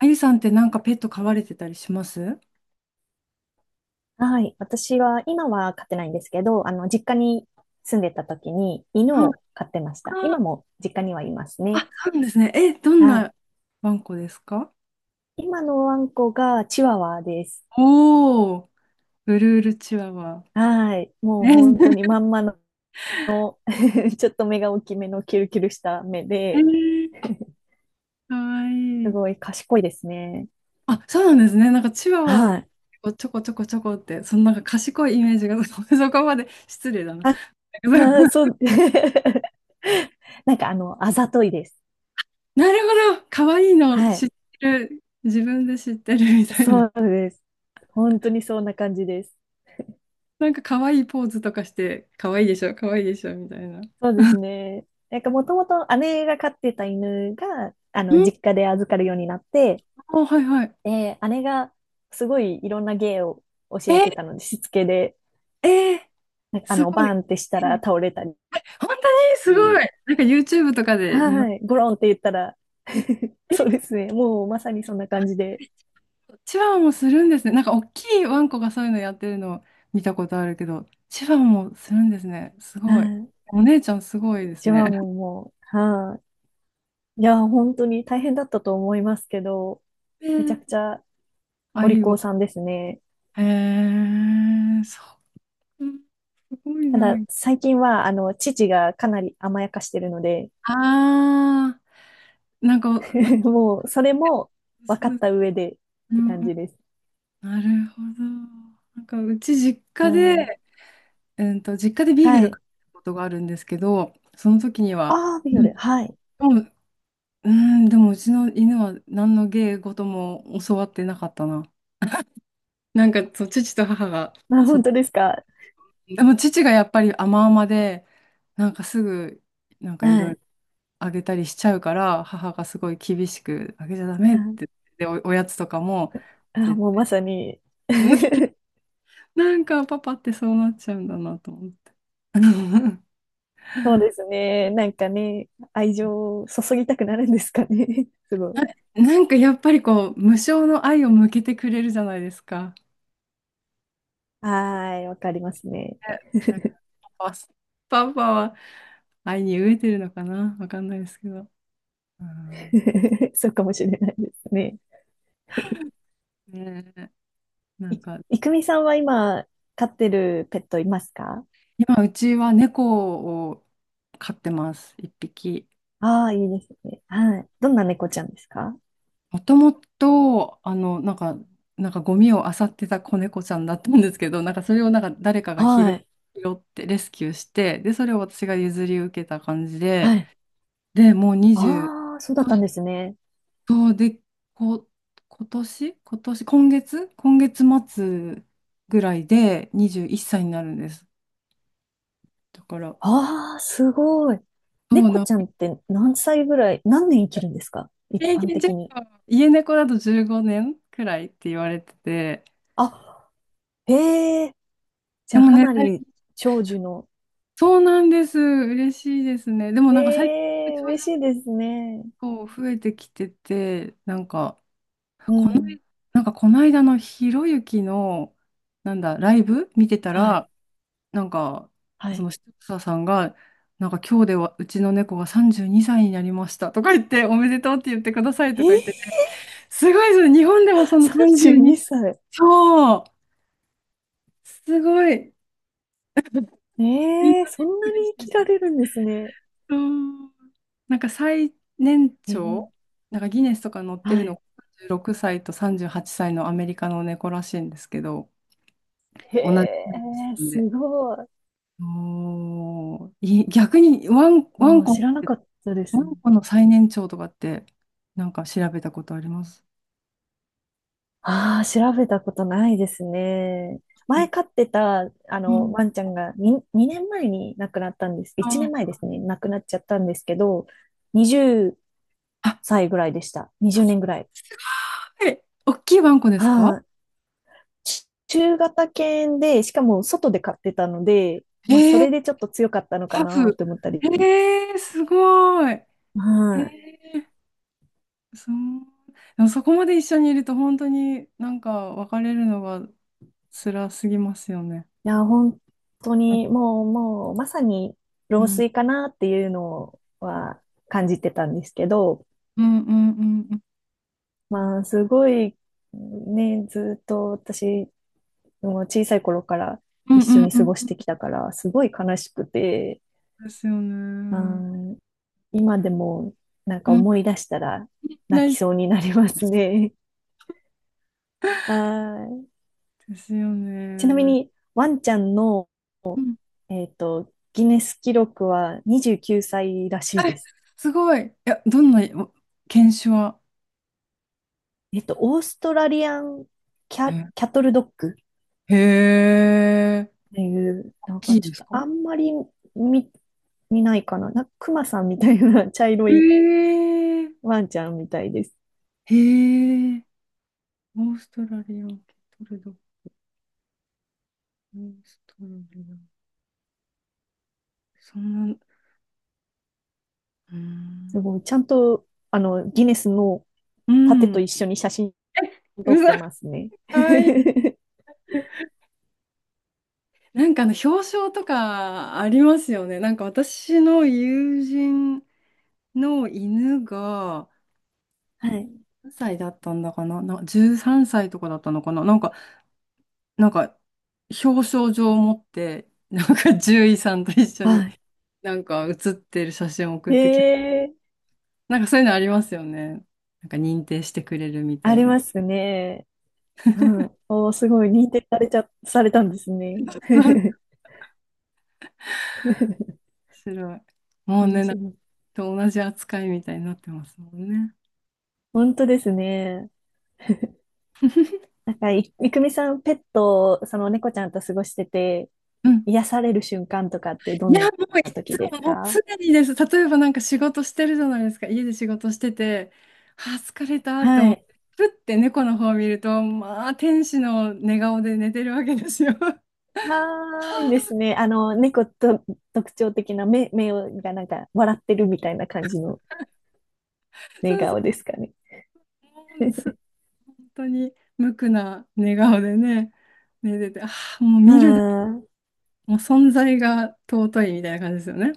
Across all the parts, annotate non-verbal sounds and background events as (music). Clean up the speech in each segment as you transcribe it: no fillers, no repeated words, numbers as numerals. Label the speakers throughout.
Speaker 1: あゆさんってなんかペット飼われてたりしますは？
Speaker 2: はい。私は、今は飼ってないんですけど、実家に住んでた時に
Speaker 1: い
Speaker 2: 犬を飼ってました。今
Speaker 1: あ、
Speaker 2: も実家にはいます
Speaker 1: あ、
Speaker 2: ね。
Speaker 1: そうなんですね。え、どん
Speaker 2: はい。
Speaker 1: なワンコですか？
Speaker 2: 今のワンコがチワワです。
Speaker 1: おー、ブルールチワワ。
Speaker 2: はい。も
Speaker 1: え
Speaker 2: う本当にまんまの (laughs) ちょっと目が大きめのキルキルした目
Speaker 1: (laughs) え
Speaker 2: で、
Speaker 1: ー、かわい
Speaker 2: す
Speaker 1: い。
Speaker 2: ごい賢いですね。
Speaker 1: あ、そうなんですね。なんかチワワ
Speaker 2: はい。
Speaker 1: をちょこちょこちょこって、そのなんか賢いイメージが、(laughs) そこまで失礼だな。
Speaker 2: あ、あそ
Speaker 1: (laughs)
Speaker 2: う。(laughs) なんかあざといです。
Speaker 1: なるほど、かわいいの
Speaker 2: は
Speaker 1: 知っ
Speaker 2: い。
Speaker 1: てる、自分で知ってるみたいな。
Speaker 2: そうです。本当にそんな感じです。
Speaker 1: なんかかわいいポーズとかして、かわいいでしょ、かわいいでしょ、みたいな。ん、
Speaker 2: そうですね。なんかもともと姉が飼ってた犬が、実家で預かるようになって、
Speaker 1: あ、はいはい。
Speaker 2: で、姉がすごいいろんな芸を教
Speaker 1: え
Speaker 2: えてた
Speaker 1: ー、
Speaker 2: ので、しつけで、
Speaker 1: ええ、
Speaker 2: なんか
Speaker 1: すごい。
Speaker 2: バーンってした
Speaker 1: え
Speaker 2: ら
Speaker 1: ー、
Speaker 2: 倒れたり、
Speaker 1: 本当にすごい。なんか YouTube とかで見ます。
Speaker 2: はい、ゴロンって言ったら (laughs) そうで
Speaker 1: え
Speaker 2: すね。もうまさにそんな感じで、
Speaker 1: え、チワワもするんですね。なんか大きいワンコがそういうのやってるのを見たことあるけど、チワワもするんですね。す
Speaker 2: はい、
Speaker 1: ごい。
Speaker 2: う
Speaker 1: お姉ちゃんすごいです
Speaker 2: ちは
Speaker 1: ね。
Speaker 2: もう、はい、いや、本当に大変だったと思いますけど、
Speaker 1: え、
Speaker 2: めち
Speaker 1: を、
Speaker 2: ゃくちゃ
Speaker 1: あ、
Speaker 2: お
Speaker 1: いい
Speaker 2: 利口
Speaker 1: よ。
Speaker 2: さんですね。
Speaker 1: へえー、そう。うん、すごい
Speaker 2: た
Speaker 1: な。
Speaker 2: だ、最近は、父がかなり甘やかしてるので、
Speaker 1: あー、なんか、なん
Speaker 2: (laughs)
Speaker 1: か
Speaker 2: もう、それも分
Speaker 1: そ
Speaker 2: かっ
Speaker 1: う、
Speaker 2: た上でっ
Speaker 1: う
Speaker 2: て
Speaker 1: ん
Speaker 2: 感
Speaker 1: うん、
Speaker 2: じです。
Speaker 1: なるほど。なんかうち実
Speaker 2: う
Speaker 1: 家
Speaker 2: ん。
Speaker 1: で、うんと、実家でビーグ
Speaker 2: は
Speaker 1: ル
Speaker 2: い。
Speaker 1: 買ったことがあるんですけど、その時には、
Speaker 2: ああ、ビ
Speaker 1: で
Speaker 2: オ
Speaker 1: も、
Speaker 2: レ。はい。
Speaker 1: でもうん、でもうちの犬は何の芸事も教わってなかったな。なんか、そう、父と母が、
Speaker 2: あ、
Speaker 1: そう、
Speaker 2: 本当ですか。
Speaker 1: でも父がやっぱり甘々で、なんかすぐ、なんかい
Speaker 2: は
Speaker 1: ろい
Speaker 2: い。
Speaker 1: ろあげたりしちゃうから、母がすごい厳しく、あげちゃダメっ
Speaker 2: あ、
Speaker 1: て、で、おやつとかも、
Speaker 2: あ
Speaker 1: 絶
Speaker 2: もう
Speaker 1: 対、
Speaker 2: まさに (laughs)
Speaker 1: (laughs) なんかパパってそうなっちゃうんだなと思って。(laughs)
Speaker 2: そうですね。なんかね、愛情を注ぎたくなるんですかね。(laughs) すごい。
Speaker 1: なんかやっぱりこう、無償の愛を向けてくれるじゃないですか。
Speaker 2: はーい、わかりますね。
Speaker 1: え、なんか、パパパパは愛に飢えてるのかなわかんないですけど。うん、
Speaker 2: (laughs) そうかもしれないですね。
Speaker 1: ねえ、な
Speaker 2: い、
Speaker 1: んか、
Speaker 2: いくみさんは今、飼ってるペットいますか？
Speaker 1: 今うちは猫を飼ってます、一匹。
Speaker 2: ああー、いいですね。はい。どんな猫ちゃんですか？
Speaker 1: もともと、あの、なんか、なんかゴミを漁ってた子猫ちゃんだったんですけど、なんかそれをなんか誰かが
Speaker 2: は
Speaker 1: 拾、
Speaker 2: い。
Speaker 1: 拾ってレスキューして、で、それを私が譲り受けた感じで、
Speaker 2: はい。
Speaker 1: で、もう20、
Speaker 2: ああ、そうだったんですね。
Speaker 1: そうで、こ、今月末ぐらいで21歳になるんです。だから、
Speaker 2: ああ、すごい。
Speaker 1: そう
Speaker 2: 猫
Speaker 1: な、
Speaker 2: ちゃんって何歳ぐらい、何年生きるんですか、一
Speaker 1: 平
Speaker 2: 般
Speaker 1: 均寿
Speaker 2: 的に。
Speaker 1: 命、家猫だと15年くらいって言われてて、
Speaker 2: あ、へえ、じ
Speaker 1: で
Speaker 2: ゃあ
Speaker 1: も
Speaker 2: か
Speaker 1: ね、
Speaker 2: な
Speaker 1: 最
Speaker 2: り
Speaker 1: 近、
Speaker 2: 長寿の。
Speaker 1: そうなんです。嬉しいですね。でもなんか最近、
Speaker 2: ええ、
Speaker 1: 長
Speaker 2: 嬉し
Speaker 1: 女
Speaker 2: いですね。
Speaker 1: こう増えてきてて、なんか、
Speaker 2: う
Speaker 1: この、
Speaker 2: ん。
Speaker 1: なんかこの間のひろゆきの、なんだ、ライブ見てた
Speaker 2: はい、
Speaker 1: ら、なんか、
Speaker 2: は
Speaker 1: そ
Speaker 2: い。
Speaker 1: の視聴者さんが、なんか今日ではうちの猫が32歳にさいになりましたとか言って、おめでとうって言ってくださいと
Speaker 2: え
Speaker 1: か言っ
Speaker 2: え、
Speaker 1: てて、すごいですね。日本でもその
Speaker 2: 32
Speaker 1: 32、
Speaker 2: 歳。
Speaker 1: そう、すごい。みんな
Speaker 2: ええ、そ
Speaker 1: びっ
Speaker 2: ん
Speaker 1: く
Speaker 2: な
Speaker 1: りし
Speaker 2: に生
Speaker 1: て
Speaker 2: きら
Speaker 1: て。
Speaker 2: れるんですね。
Speaker 1: そう。なんか最年
Speaker 2: ええ、
Speaker 1: 長、なんかギネスとか載って
Speaker 2: は
Speaker 1: る
Speaker 2: い。
Speaker 1: の、36歳と38歳のアメリカの猫らしいんですけど、
Speaker 2: へ
Speaker 1: 同じな
Speaker 2: え、
Speaker 1: ん
Speaker 2: す
Speaker 1: で。
Speaker 2: ごい。
Speaker 1: おー、いい逆にワン、ワン
Speaker 2: ああ、
Speaker 1: コっ
Speaker 2: 知らな
Speaker 1: て
Speaker 2: かったで
Speaker 1: う
Speaker 2: すね。
Speaker 1: んコの最年長とかって、なんか調べたことあります。
Speaker 2: ああ、調べたことないですね。
Speaker 1: う
Speaker 2: 前
Speaker 1: ん
Speaker 2: 飼ってた、
Speaker 1: うん、
Speaker 2: ワンちゃんがに2、年前に亡くなったんです。1年前
Speaker 1: あ
Speaker 2: ですね。亡くなっちゃったんですけど、
Speaker 1: あ、
Speaker 2: 20歳ぐらいでした。
Speaker 1: あ、
Speaker 2: 20
Speaker 1: す
Speaker 2: 年ぐらい。
Speaker 1: ごい。大きいワンコですか？
Speaker 2: ああ、中型犬で、しかも外で飼ってたので、まあ、そ
Speaker 1: えー、
Speaker 2: れでちょっと強かったのか
Speaker 1: ハ
Speaker 2: な
Speaker 1: ブ。
Speaker 2: と思ったり。
Speaker 1: えー、すごい。え
Speaker 2: はい。
Speaker 1: ー、そう。でもそこまで一緒にいると本当になんか別れるのが辛すぎますよね。
Speaker 2: いや、本当
Speaker 1: うん。
Speaker 2: に、もう、まさに、
Speaker 1: う
Speaker 2: 老
Speaker 1: ん
Speaker 2: 衰かなっていうのは感じてたんですけど、
Speaker 1: うんうんうん
Speaker 2: まあ、すごい、ね、ずっと私、もう小さい頃から
Speaker 1: うん
Speaker 2: 一
Speaker 1: う
Speaker 2: 緒
Speaker 1: ん
Speaker 2: に
Speaker 1: う
Speaker 2: 過
Speaker 1: ん、
Speaker 2: ご
Speaker 1: う
Speaker 2: し
Speaker 1: ん
Speaker 2: てきたから、すごい悲しくて、
Speaker 1: ですよ
Speaker 2: う
Speaker 1: ね。
Speaker 2: ん、今でもなん
Speaker 1: う
Speaker 2: か
Speaker 1: ん。
Speaker 2: 思い出したら泣
Speaker 1: 泣い
Speaker 2: き
Speaker 1: ち
Speaker 2: そう
Speaker 1: ゃ
Speaker 2: になりますね。(laughs) はい。
Speaker 1: うですよ
Speaker 2: ちなみ
Speaker 1: ね。
Speaker 2: に、ワンちゃんの、
Speaker 1: うん、
Speaker 2: ギネス記録は29歳らしいで
Speaker 1: え、
Speaker 2: す。
Speaker 1: すごい。いや、どんなお犬種は？
Speaker 2: オーストラリアンキ
Speaker 1: え、
Speaker 2: ャトルドッグ
Speaker 1: へえ。
Speaker 2: っていう、
Speaker 1: 大
Speaker 2: なん
Speaker 1: き
Speaker 2: か
Speaker 1: いで
Speaker 2: ち
Speaker 1: す
Speaker 2: ょっとあ
Speaker 1: か？
Speaker 2: んまり見、見ないかな。なんかクマさんみたいな (laughs) 茶色
Speaker 1: へ
Speaker 2: い
Speaker 1: え。
Speaker 2: ワンちゃんみたいです。
Speaker 1: へえ。オーストラリアンケトルド。オーストラリアン。そんな、うー
Speaker 2: すご
Speaker 1: ん。
Speaker 2: い、ちゃんと、ギネスの
Speaker 1: う
Speaker 2: 盾
Speaker 1: ん。
Speaker 2: と一緒に写真撮
Speaker 1: う
Speaker 2: っ
Speaker 1: ざ、
Speaker 2: てますね。
Speaker 1: かわいい。
Speaker 2: (laughs)
Speaker 1: なんかあの、表彰とかありますよね。なんか私の友人の犬が、
Speaker 2: はい。
Speaker 1: 何歳だったんだかな、な、13歳とかだったのかな。なんかなんか、表彰状を持って、なんか獣医さんと一緒に、
Speaker 2: (laughs) は
Speaker 1: なんか写ってる写真を送っ
Speaker 2: い。
Speaker 1: てきなんかそういうのありますよね。なんか認定してくれるみた
Speaker 2: あ
Speaker 1: い
Speaker 2: り
Speaker 1: な。
Speaker 2: ますね。うん。おー、すごい、認定されたんです
Speaker 1: (laughs)
Speaker 2: ね。
Speaker 1: 面
Speaker 2: (laughs)
Speaker 1: 白い。もう
Speaker 2: 面
Speaker 1: ね、なんか
Speaker 2: 白い。
Speaker 1: 同じ扱いみたいになってますもんね。
Speaker 2: 本当ですね。なんか、いくみさん、ペット、その猫ちゃんと過ごしてて、
Speaker 1: うん。
Speaker 2: 癒される瞬間とかってど
Speaker 1: い
Speaker 2: ん
Speaker 1: や、
Speaker 2: な
Speaker 1: もうい
Speaker 2: 時
Speaker 1: つも、
Speaker 2: です
Speaker 1: もう
Speaker 2: か？
Speaker 1: 常にです。例えばなんか仕事してるじゃないですか。家で仕事してて、あー、疲れたって
Speaker 2: は
Speaker 1: 思って、
Speaker 2: い。
Speaker 1: ふって猫の方を見ると、まあ、天使の寝顔で寝てるわけですよ。(laughs)
Speaker 2: ああ、いいですね。猫と特徴的な目がなんか笑ってるみたいな感じの寝
Speaker 1: そうそ
Speaker 2: 顔ですかね。
Speaker 1: う。もうつ当に無垢な寝顔でね、寝てて、ああ、もう
Speaker 2: う
Speaker 1: 見るだ、
Speaker 2: ん。あ
Speaker 1: もう存在が尊いみたいな感じですよね。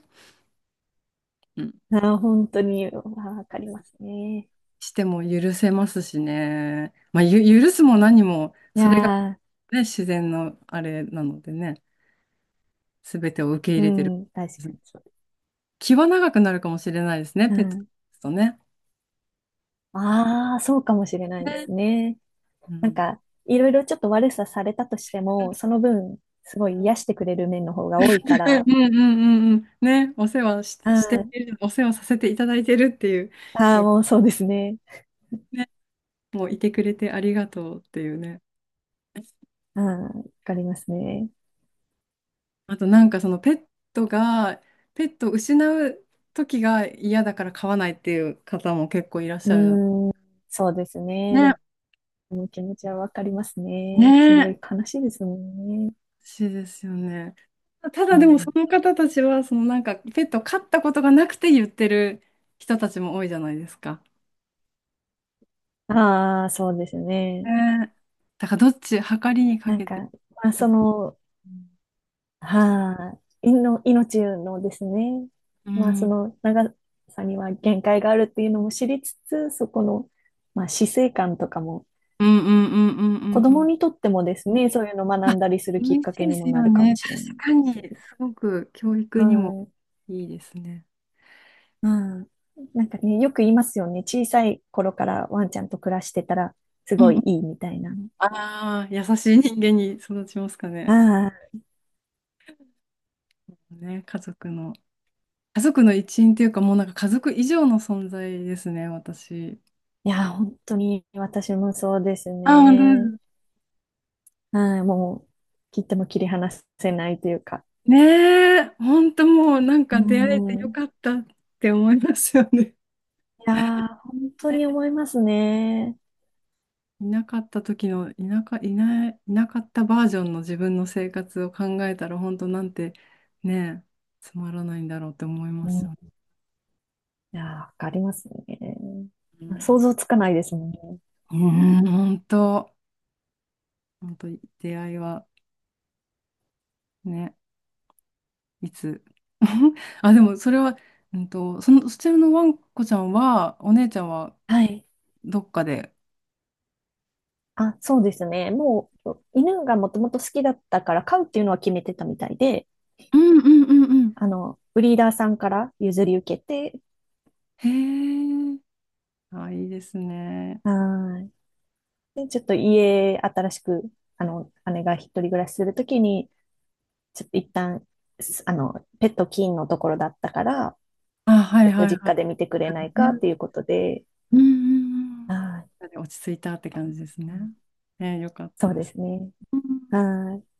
Speaker 1: うん。
Speaker 2: ー本当に、わかりますね。
Speaker 1: しても許せますしね。まあ、許すも何も、
Speaker 2: い
Speaker 1: それが、
Speaker 2: やー、
Speaker 1: ね、自然のあれなのでね、すべてを受け入
Speaker 2: う
Speaker 1: れてる。
Speaker 2: ん、確かにそう。
Speaker 1: 気は長くなるかもしれないですね、
Speaker 2: う
Speaker 1: ペット
Speaker 2: ん。
Speaker 1: とね。
Speaker 2: ああ、そうかもしれないで
Speaker 1: ね。
Speaker 2: すね。
Speaker 1: う
Speaker 2: なん
Speaker 1: ん。
Speaker 2: か、いろいろちょっと悪さされたとしても、その分、すごい癒してくれる面の方が多いか
Speaker 1: うん
Speaker 2: ら、
Speaker 1: うんうんうん。ね、
Speaker 2: はい。
Speaker 1: お世話させていただいてるっていう、い
Speaker 2: ああ、
Speaker 1: や
Speaker 2: もうそうですね。
Speaker 1: ね、もういてくれてありがとうっていうね。
Speaker 2: うん、わかりますね。
Speaker 1: あとなんかそのペットが、ペットを失う時が嫌だから飼わないっていう方も結構いらっ
Speaker 2: う
Speaker 1: しゃるじゃん。
Speaker 2: ーん、そうですね。で
Speaker 1: ね、
Speaker 2: も、気持ちはわかりますね。す
Speaker 1: ね
Speaker 2: ごい
Speaker 1: え。
Speaker 2: 悲しいですもんね。
Speaker 1: 欲しいですよね。た
Speaker 2: う
Speaker 1: だでもそ
Speaker 2: ん、
Speaker 1: の方たちは、そのなんかペットを飼ったことがなくて言ってる人たちも多いじゃないですか。
Speaker 2: ああ、そうです
Speaker 1: ね
Speaker 2: ね。
Speaker 1: え、だからどっち、計りにか
Speaker 2: なん
Speaker 1: け
Speaker 2: か、
Speaker 1: て。
Speaker 2: まあ、
Speaker 1: ど
Speaker 2: そ
Speaker 1: っち、
Speaker 2: の、
Speaker 1: う
Speaker 2: はい、命のですね、
Speaker 1: ん、
Speaker 2: まあ、
Speaker 1: う
Speaker 2: そ
Speaker 1: ん
Speaker 2: の長さには限界があるっていうのも知りつつ、そこの、まあ、死生観とかも、
Speaker 1: うんうんうんうんう
Speaker 2: 子
Speaker 1: ん。
Speaker 2: 供にとってもですね、そういうのを学
Speaker 1: あ、
Speaker 2: んだりするきっ
Speaker 1: 嬉
Speaker 2: か
Speaker 1: しい
Speaker 2: け
Speaker 1: で
Speaker 2: にも
Speaker 1: す
Speaker 2: な
Speaker 1: よ
Speaker 2: るかも
Speaker 1: ね。
Speaker 2: しれな
Speaker 1: 確
Speaker 2: い
Speaker 1: か
Speaker 2: で
Speaker 1: に、
Speaker 2: すよね。
Speaker 1: すごく教育
Speaker 2: は
Speaker 1: にも
Speaker 2: い。
Speaker 1: いいですね。
Speaker 2: うん。なんかね、よく言いますよね。小さい頃からワンちゃんと暮らしてたら、す
Speaker 1: う
Speaker 2: ご
Speaker 1: ん、
Speaker 2: いいいみたいなの。
Speaker 1: ああ、優しい人間に育ちますかね。
Speaker 2: ああ、
Speaker 1: ね、家族の。家族の一員というか、もうなんか家族以上の存在ですね、私。
Speaker 2: いや、本当に私もそうです
Speaker 1: あ、本当
Speaker 2: ね。
Speaker 1: です。
Speaker 2: うん、もう、切っても切り離せないというか。
Speaker 1: ねえ、本当もうなん
Speaker 2: う
Speaker 1: か出会えてよ
Speaker 2: ん。い
Speaker 1: かったって思いますよね。(laughs)
Speaker 2: やー、本当に
Speaker 1: ね、
Speaker 2: 思いますね。
Speaker 1: いなかった時の、いなか、いない、いなかったバージョンの自分の生活を考えたら、本当なんて、ねえ、つまらないんだろうって思いま
Speaker 2: うん。
Speaker 1: すよね。
Speaker 2: いやー、わかりますね。
Speaker 1: う
Speaker 2: 想
Speaker 1: ん、
Speaker 2: 像つかないですもんね。
Speaker 1: うん、本当、本当、出会いはね。いつ (laughs) あ、でもそれは、うんと、その、そちらのワンコちゃんは、お姉ちゃんは
Speaker 2: はい。
Speaker 1: どっかで。
Speaker 2: あ、そうですね。もう、犬がもともと好きだったから飼うっていうのは決めてたみたいで、
Speaker 1: うんうんうんうん。
Speaker 2: ブリーダーさんから譲り受けて、
Speaker 1: へえ。あ、いいですね。
Speaker 2: はい。で、ちょっと家、新しく、姉が一人暮らしするときに、ちょっと一旦、すあの、ペット禁のところだったから、
Speaker 1: あ、は
Speaker 2: ち
Speaker 1: い
Speaker 2: ょっと
Speaker 1: はい
Speaker 2: 実
Speaker 1: は
Speaker 2: 家で見てくれない
Speaker 1: い。ね、
Speaker 2: かっていうことで、
Speaker 1: うんうん
Speaker 2: はい。
Speaker 1: うん。落ち着いたって感じですね。えー、よかった
Speaker 2: そう
Speaker 1: で
Speaker 2: で
Speaker 1: す。
Speaker 2: すね。はい。